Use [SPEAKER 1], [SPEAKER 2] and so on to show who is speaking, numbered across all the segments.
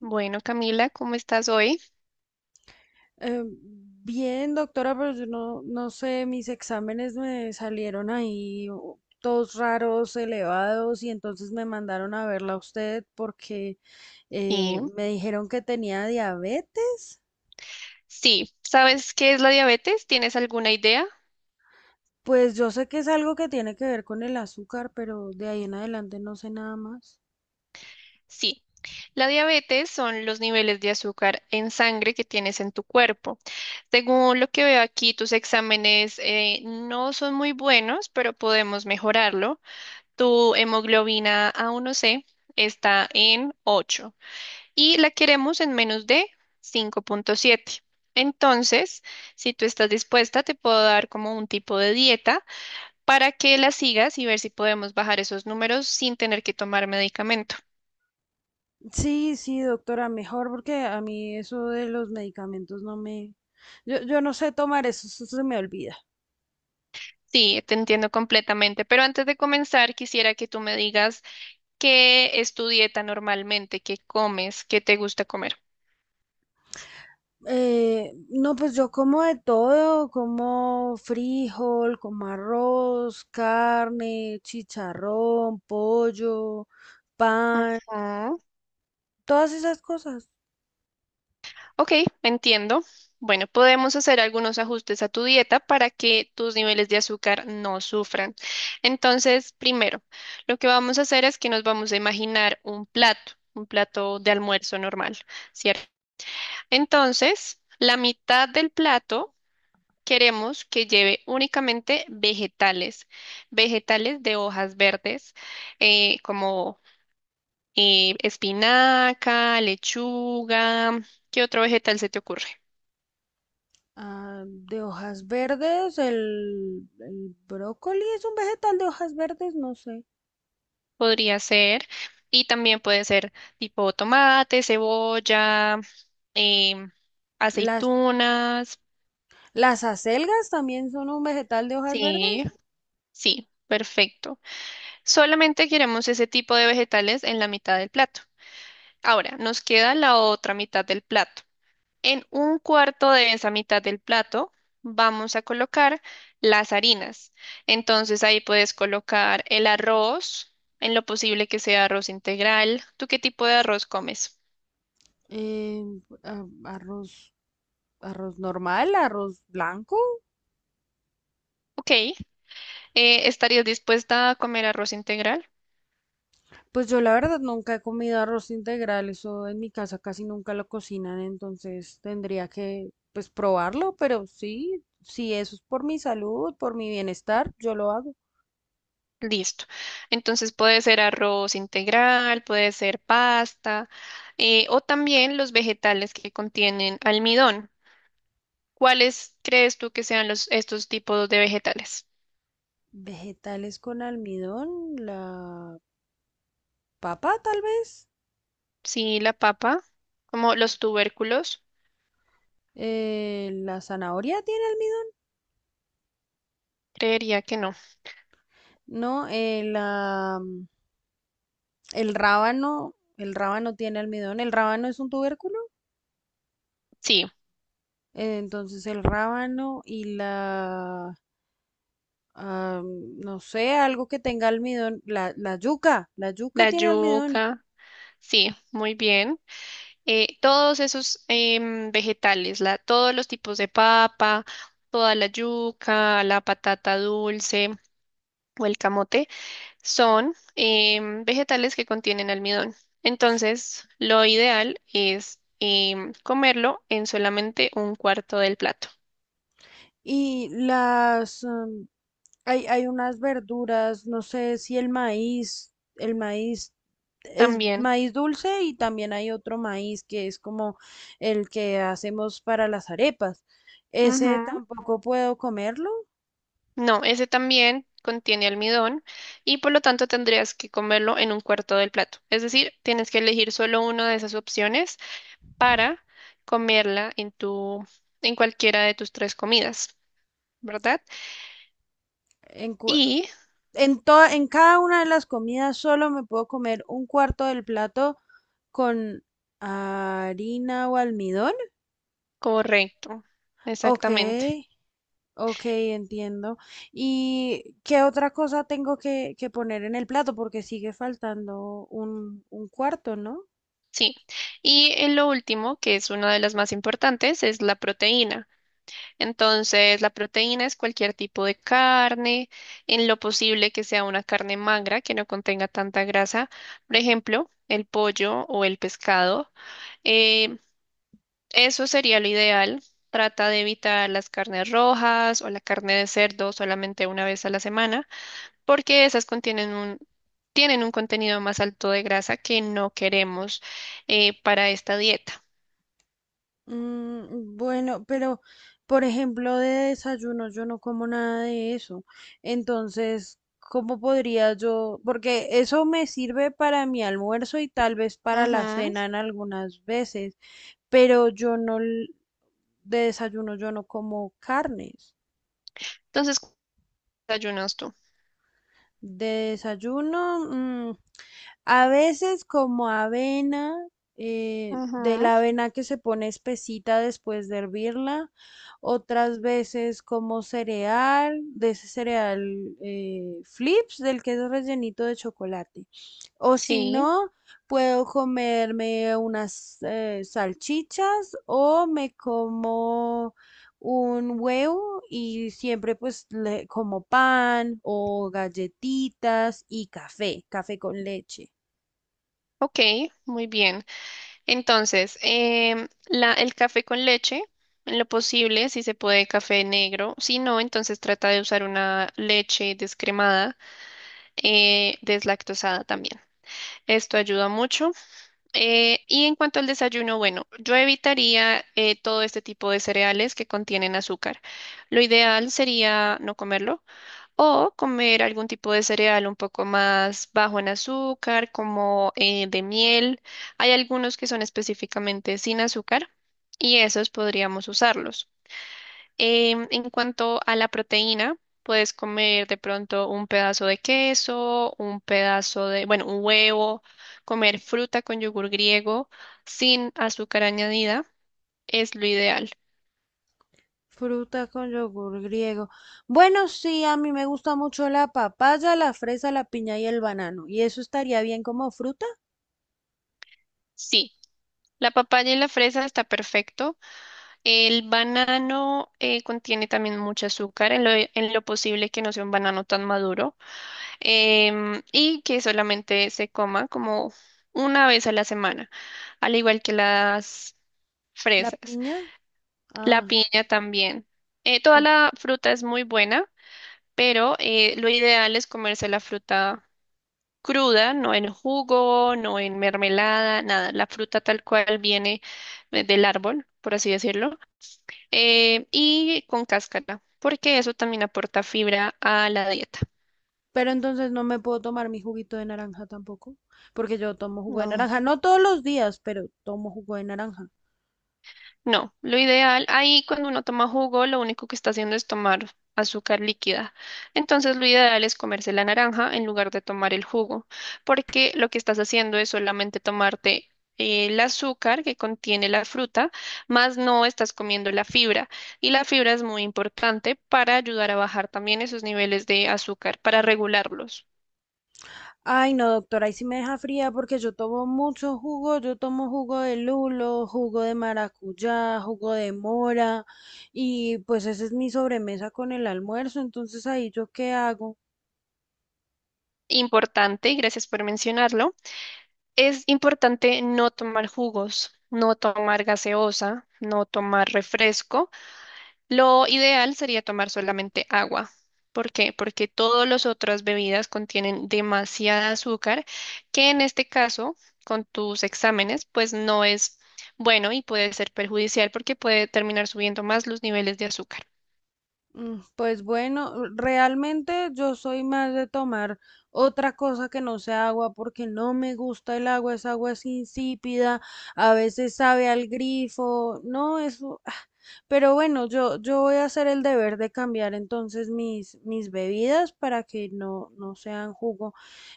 [SPEAKER 1] Bueno, Camila, ¿cómo estás hoy?
[SPEAKER 2] Eh, Bien, doctora, pero yo no sé, mis exámenes me salieron ahí todos raros, elevados, y entonces me mandaron a verla a usted porque eh,
[SPEAKER 1] Y
[SPEAKER 2] me dijeron que tenía diabetes.
[SPEAKER 1] sí, ¿sabes qué es la diabetes? ¿Tienes alguna idea?
[SPEAKER 2] Pues yo sé que es algo que tiene que ver con el azúcar, pero de ahí en adelante no sé nada más.
[SPEAKER 1] Sí, la diabetes son los niveles de azúcar en sangre que tienes en tu cuerpo. Según lo que veo aquí, tus exámenes no son muy buenos, pero podemos mejorarlo. Tu hemoglobina A1C está en 8 y la queremos en menos de 5,7. Entonces, si tú estás dispuesta, te puedo dar como un tipo de dieta para que las sigas y ver si podemos bajar esos números sin tener que tomar medicamento.
[SPEAKER 2] Sí, sí, doctora, mejor porque a mí eso de los medicamentos no me... Yo no sé tomar eso, eso se me olvida.
[SPEAKER 1] Sí, te entiendo completamente, pero antes de comenzar quisiera que tú me digas qué es tu dieta normalmente, qué comes, qué te gusta comer.
[SPEAKER 2] No, pues yo como de todo, como frijol, como arroz, carne, chicharrón, pollo, pan,
[SPEAKER 1] Ujú.
[SPEAKER 2] todas esas cosas.
[SPEAKER 1] Ok, entiendo. Bueno, podemos hacer algunos ajustes a tu dieta para que tus niveles de azúcar no sufran. Entonces, primero, lo que vamos a hacer es que nos vamos a imaginar un plato de almuerzo normal, ¿cierto? Entonces, la mitad del plato queremos que lleve únicamente vegetales, vegetales de hojas verdes, como espinaca, lechuga. ¿Qué otro vegetal se te ocurre?
[SPEAKER 2] Ah, de hojas verdes, el brócoli es un vegetal de hojas verdes, no sé.
[SPEAKER 1] Podría ser, y también puede ser tipo tomate, cebolla, em,
[SPEAKER 2] Las,
[SPEAKER 1] aceitunas.
[SPEAKER 2] las acelgas también son un vegetal de hojas verdes.
[SPEAKER 1] Sí, sí, perfecto. Solamente queremos ese tipo de vegetales en la mitad del plato. Ahora, nos queda la otra mitad del plato. En un cuarto de esa mitad del plato vamos a colocar las harinas. Entonces ahí puedes colocar el arroz, en lo posible que sea arroz integral. ¿Tú qué tipo de arroz comes?
[SPEAKER 2] Eh, arroz, arroz normal, arroz blanco.
[SPEAKER 1] Ok, ¿estarías dispuesta a comer arroz integral?
[SPEAKER 2] Pues yo la verdad nunca he comido arroz integral, eso en mi casa casi nunca lo cocinan, entonces tendría que pues probarlo, pero sí, si eso es por mi salud, por mi bienestar, yo lo hago.
[SPEAKER 1] Listo. Entonces puede ser arroz integral, puede ser pasta, o también los vegetales que contienen almidón. ¿Cuáles crees tú que sean estos tipos de vegetales?
[SPEAKER 2] Vegetales con almidón, la papa tal vez,
[SPEAKER 1] Sí, la papa, como los tubérculos,
[SPEAKER 2] la zanahoria tiene almidón,
[SPEAKER 1] creería que no.
[SPEAKER 2] no, el rábano tiene almidón, el rábano es un tubérculo,
[SPEAKER 1] Sí,
[SPEAKER 2] entonces el rábano y la ah, no sé, algo que tenga almidón, la yuca
[SPEAKER 1] la
[SPEAKER 2] tiene almidón.
[SPEAKER 1] yuca, sí, muy bien. Todos esos vegetales, todos los tipos de papa, toda la yuca, la patata dulce o el camote, son vegetales que contienen almidón. Entonces, lo ideal es comerlo en solamente un cuarto del plato.
[SPEAKER 2] Y hay unas verduras, no sé si el maíz, el maíz es
[SPEAKER 1] También.
[SPEAKER 2] maíz dulce y también hay otro maíz que es como el que hacemos para las arepas. Ese
[SPEAKER 1] Ujú.
[SPEAKER 2] tampoco puedo comerlo.
[SPEAKER 1] No, ese también contiene almidón y por lo tanto tendrías que comerlo en un cuarto del plato. Es decir, tienes que elegir solo una de esas opciones para comerla en cualquiera de tus tres comidas, ¿verdad?
[SPEAKER 2] En, cua-
[SPEAKER 1] Y
[SPEAKER 2] en, toda, en cada una de las comidas solo me puedo comer un cuarto del plato con harina o almidón.
[SPEAKER 1] correcto,
[SPEAKER 2] Ok,
[SPEAKER 1] exactamente.
[SPEAKER 2] ok, entiendo. ¿Y qué otra cosa tengo que poner en el plato? Porque sigue faltando un cuarto, ¿no?
[SPEAKER 1] Sí. Y en lo último, que es una de las más importantes, es la proteína. Entonces, la proteína es cualquier tipo de carne, en lo posible que sea una carne magra que no contenga tanta grasa, por ejemplo, el pollo o el pescado. Eh, Eso sería lo ideal. Trata de evitar las carnes rojas o la carne de cerdo solamente una vez a la semana, porque esas tienen un contenido más alto de grasa que no queremos para esta dieta.
[SPEAKER 2] Bueno, pero por ejemplo de desayuno yo no como nada de eso. Entonces, ¿cómo podría yo? Porque eso me sirve para mi almuerzo y tal vez para la
[SPEAKER 1] Ujú.
[SPEAKER 2] cena en algunas veces, pero yo no, l- de desayuno yo no como carnes.
[SPEAKER 1] Entonces, ¿qué desayunas tú?
[SPEAKER 2] De desayuno, mm, a veces como avena, de
[SPEAKER 1] Ujú.
[SPEAKER 2] la avena que se pone espesita después de hervirla, otras veces como cereal, de ese cereal flips, del que es rellenito de chocolate. O si
[SPEAKER 1] Sí.
[SPEAKER 2] no, puedo comerme unas salchichas o me como un huevo y siempre pues le como pan o galletitas y café, café con leche.
[SPEAKER 1] Ok, muy bien. Entonces, el café con leche, en lo posible, si se puede, café negro. Si no, entonces trata de usar una leche descremada, deslactosada también. Esto ayuda mucho. Y en cuanto al desayuno, bueno, yo evitaría todo este tipo de cereales que contienen azúcar. Lo ideal sería no comerlo. O comer algún tipo de cereal un poco más bajo en azúcar, como de miel. Hay algunos que son específicamente sin azúcar y esos podríamos usarlos. En cuanto a la proteína, puedes comer de pronto un pedazo de queso, un pedazo de, bueno, un huevo, comer fruta con yogur griego sin azúcar añadida, es lo ideal.
[SPEAKER 2] Fruta con yogur griego. Bueno, sí, a mí me gusta mucho la papaya, la fresa, la piña y el banano. ¿Y eso estaría bien como fruta?
[SPEAKER 1] Sí, la papaya y la fresa está perfecto. El banano contiene también mucho azúcar, en lo posible que no sea un banano tan maduro y que solamente se coma como una vez a la semana, al igual que las
[SPEAKER 2] ¿La
[SPEAKER 1] fresas.
[SPEAKER 2] piña?
[SPEAKER 1] La
[SPEAKER 2] Ah,
[SPEAKER 1] piña también. Toda
[SPEAKER 2] oh.
[SPEAKER 1] la fruta es muy buena, pero lo ideal es comerse la fruta cruda, no en jugo, no en mermelada, nada. La fruta tal cual viene del árbol, por así decirlo y con cáscara, porque eso también aporta fibra a la dieta.
[SPEAKER 2] Pero entonces no me puedo tomar mi juguito de naranja tampoco, porque yo tomo jugo de
[SPEAKER 1] No,
[SPEAKER 2] naranja, no todos los días, pero tomo jugo de naranja.
[SPEAKER 1] no, lo ideal ahí cuando uno toma jugo, lo único que está haciendo es tomar azúcar líquida. Entonces lo ideal es comerse la naranja en lugar de tomar el jugo, porque lo que estás haciendo es solamente tomarte el azúcar que contiene la fruta, más no estás comiendo la fibra. Y la fibra es muy importante para ayudar a bajar también esos niveles de azúcar, para regularlos.
[SPEAKER 2] Ay, no, doctora, ahí sí me deja fría porque yo tomo mucho jugo. Yo tomo jugo de lulo, jugo de maracuyá, jugo de mora y pues esa es mi sobremesa con el almuerzo. Entonces, ¿ahí yo qué hago?
[SPEAKER 1] Importante, y gracias por mencionarlo, es importante no tomar jugos, no tomar gaseosa, no tomar refresco. Lo ideal sería tomar solamente agua. ¿Por qué? Porque todas las otras bebidas contienen demasiada azúcar, que en este caso, con tus exámenes, pues no es bueno y puede ser perjudicial porque puede terminar subiendo más los niveles de azúcar.
[SPEAKER 2] Pues bueno, realmente yo soy más de tomar otra cosa que no sea agua porque no me gusta el agua, esa agua es insípida, a veces sabe al grifo, no, eso. Pero bueno, yo voy a hacer el deber de cambiar entonces mis bebidas para que no sean jugo,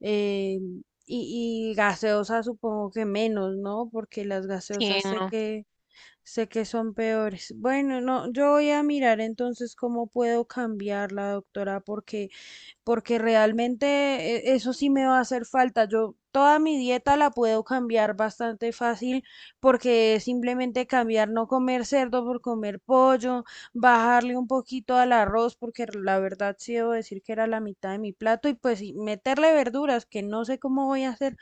[SPEAKER 2] eh, y gaseosa supongo que menos, ¿no? Porque las
[SPEAKER 1] Sí,
[SPEAKER 2] gaseosas sé
[SPEAKER 1] no.
[SPEAKER 2] que sé que son peores. Bueno, no, yo voy a mirar entonces cómo puedo cambiarla, doctora, porque, porque realmente eso sí me va a hacer falta. Yo toda mi dieta la puedo cambiar bastante fácil porque es simplemente cambiar, no comer cerdo por comer pollo, bajarle un poquito al arroz, porque la verdad sí debo decir que era la mitad de mi plato, y pues y meterle verduras, que no sé cómo voy a hacer,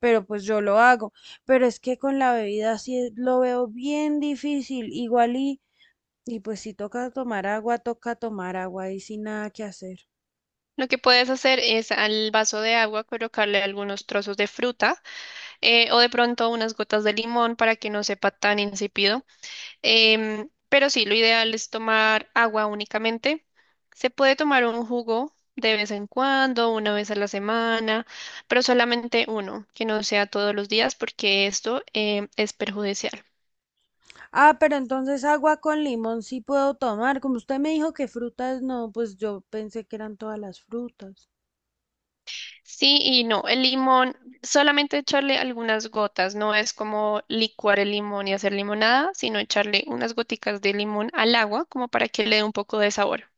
[SPEAKER 2] pero pues yo lo hago. Pero es que con la bebida sí es- lo veo bien difícil, igual y pues si toca tomar agua, toca tomar agua y sin nada que hacer.
[SPEAKER 1] Lo que puedes hacer es al vaso de agua colocarle algunos trozos de fruta o de pronto unas gotas de limón para que no sepa tan insípido. Pero sí, lo ideal es tomar agua únicamente. Se puede tomar un jugo de vez en cuando, una vez a la semana, pero solamente uno, que no sea todos los días, porque esto es perjudicial.
[SPEAKER 2] Ah, pero entonces agua con limón sí puedo tomar. Como usted me dijo que frutas no, pues yo pensé que eran todas las frutas.
[SPEAKER 1] Sí y no, el limón, solamente echarle algunas gotas, no es como licuar el limón y hacer limonada, sino echarle unas goticas de limón al agua como para que le dé un poco de sabor.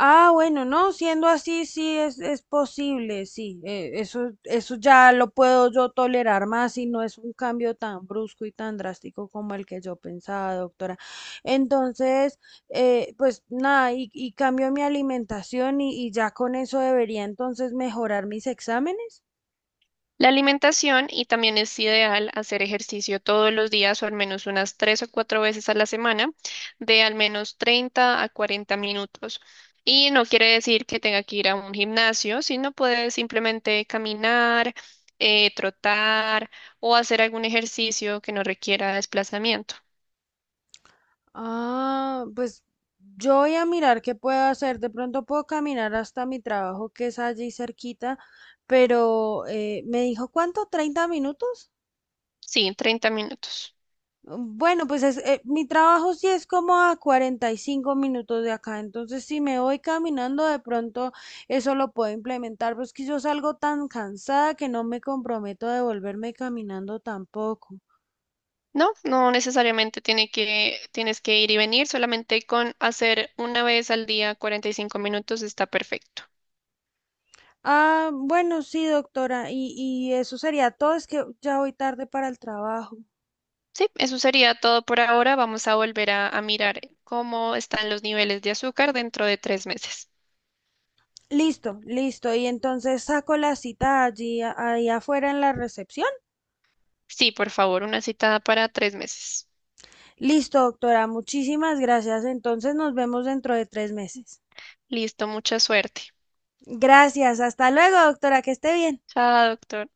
[SPEAKER 2] Ah, bueno, no, siendo así, es posible, sí, eso ya lo puedo yo tolerar más y no es un cambio tan brusco y tan drástico como el que yo pensaba, doctora. Entonces, pues nada, y cambio mi alimentación y ya con eso debería entonces mejorar mis exámenes.
[SPEAKER 1] La alimentación y también es ideal hacer ejercicio todos los días o al menos unas 3 o 4 veces a la semana de al menos 30 a 40 minutos. Y no quiere decir que tenga que ir a un gimnasio, sino puede simplemente caminar, trotar o hacer algún ejercicio que no requiera desplazamiento.
[SPEAKER 2] Ah, pues yo voy a mirar qué puedo hacer. De pronto puedo caminar hasta mi trabajo que es allí cerquita, pero me dijo, ¿cuánto? ¿30 minutos?
[SPEAKER 1] Sí, 30 minutos.
[SPEAKER 2] Bueno, pues es, mi trabajo sí es como a 45 minutos de acá, entonces si me voy caminando de pronto eso lo puedo implementar, pues que yo salgo tan cansada que no me comprometo a devolverme caminando tampoco.
[SPEAKER 1] No, no necesariamente tienes que ir y venir, solamente con hacer una vez al día 45 minutos está perfecto.
[SPEAKER 2] Ah, bueno, sí, doctora, y eso sería todo, es que ya voy tarde para el trabajo.
[SPEAKER 1] Sí, eso sería todo por ahora. Vamos a volver a mirar cómo están los niveles de azúcar dentro de 3 meses.
[SPEAKER 2] Listo, listo, y entonces saco la cita allí, ahí afuera en la recepción.
[SPEAKER 1] Sí, por favor, una citada para 3 meses.
[SPEAKER 2] Listo, doctora, muchísimas gracias, entonces nos vemos dentro de 3 meses.
[SPEAKER 1] Listo, mucha suerte.
[SPEAKER 2] Gracias, hasta luego, doctora, que esté bien.
[SPEAKER 1] Chao, doctor.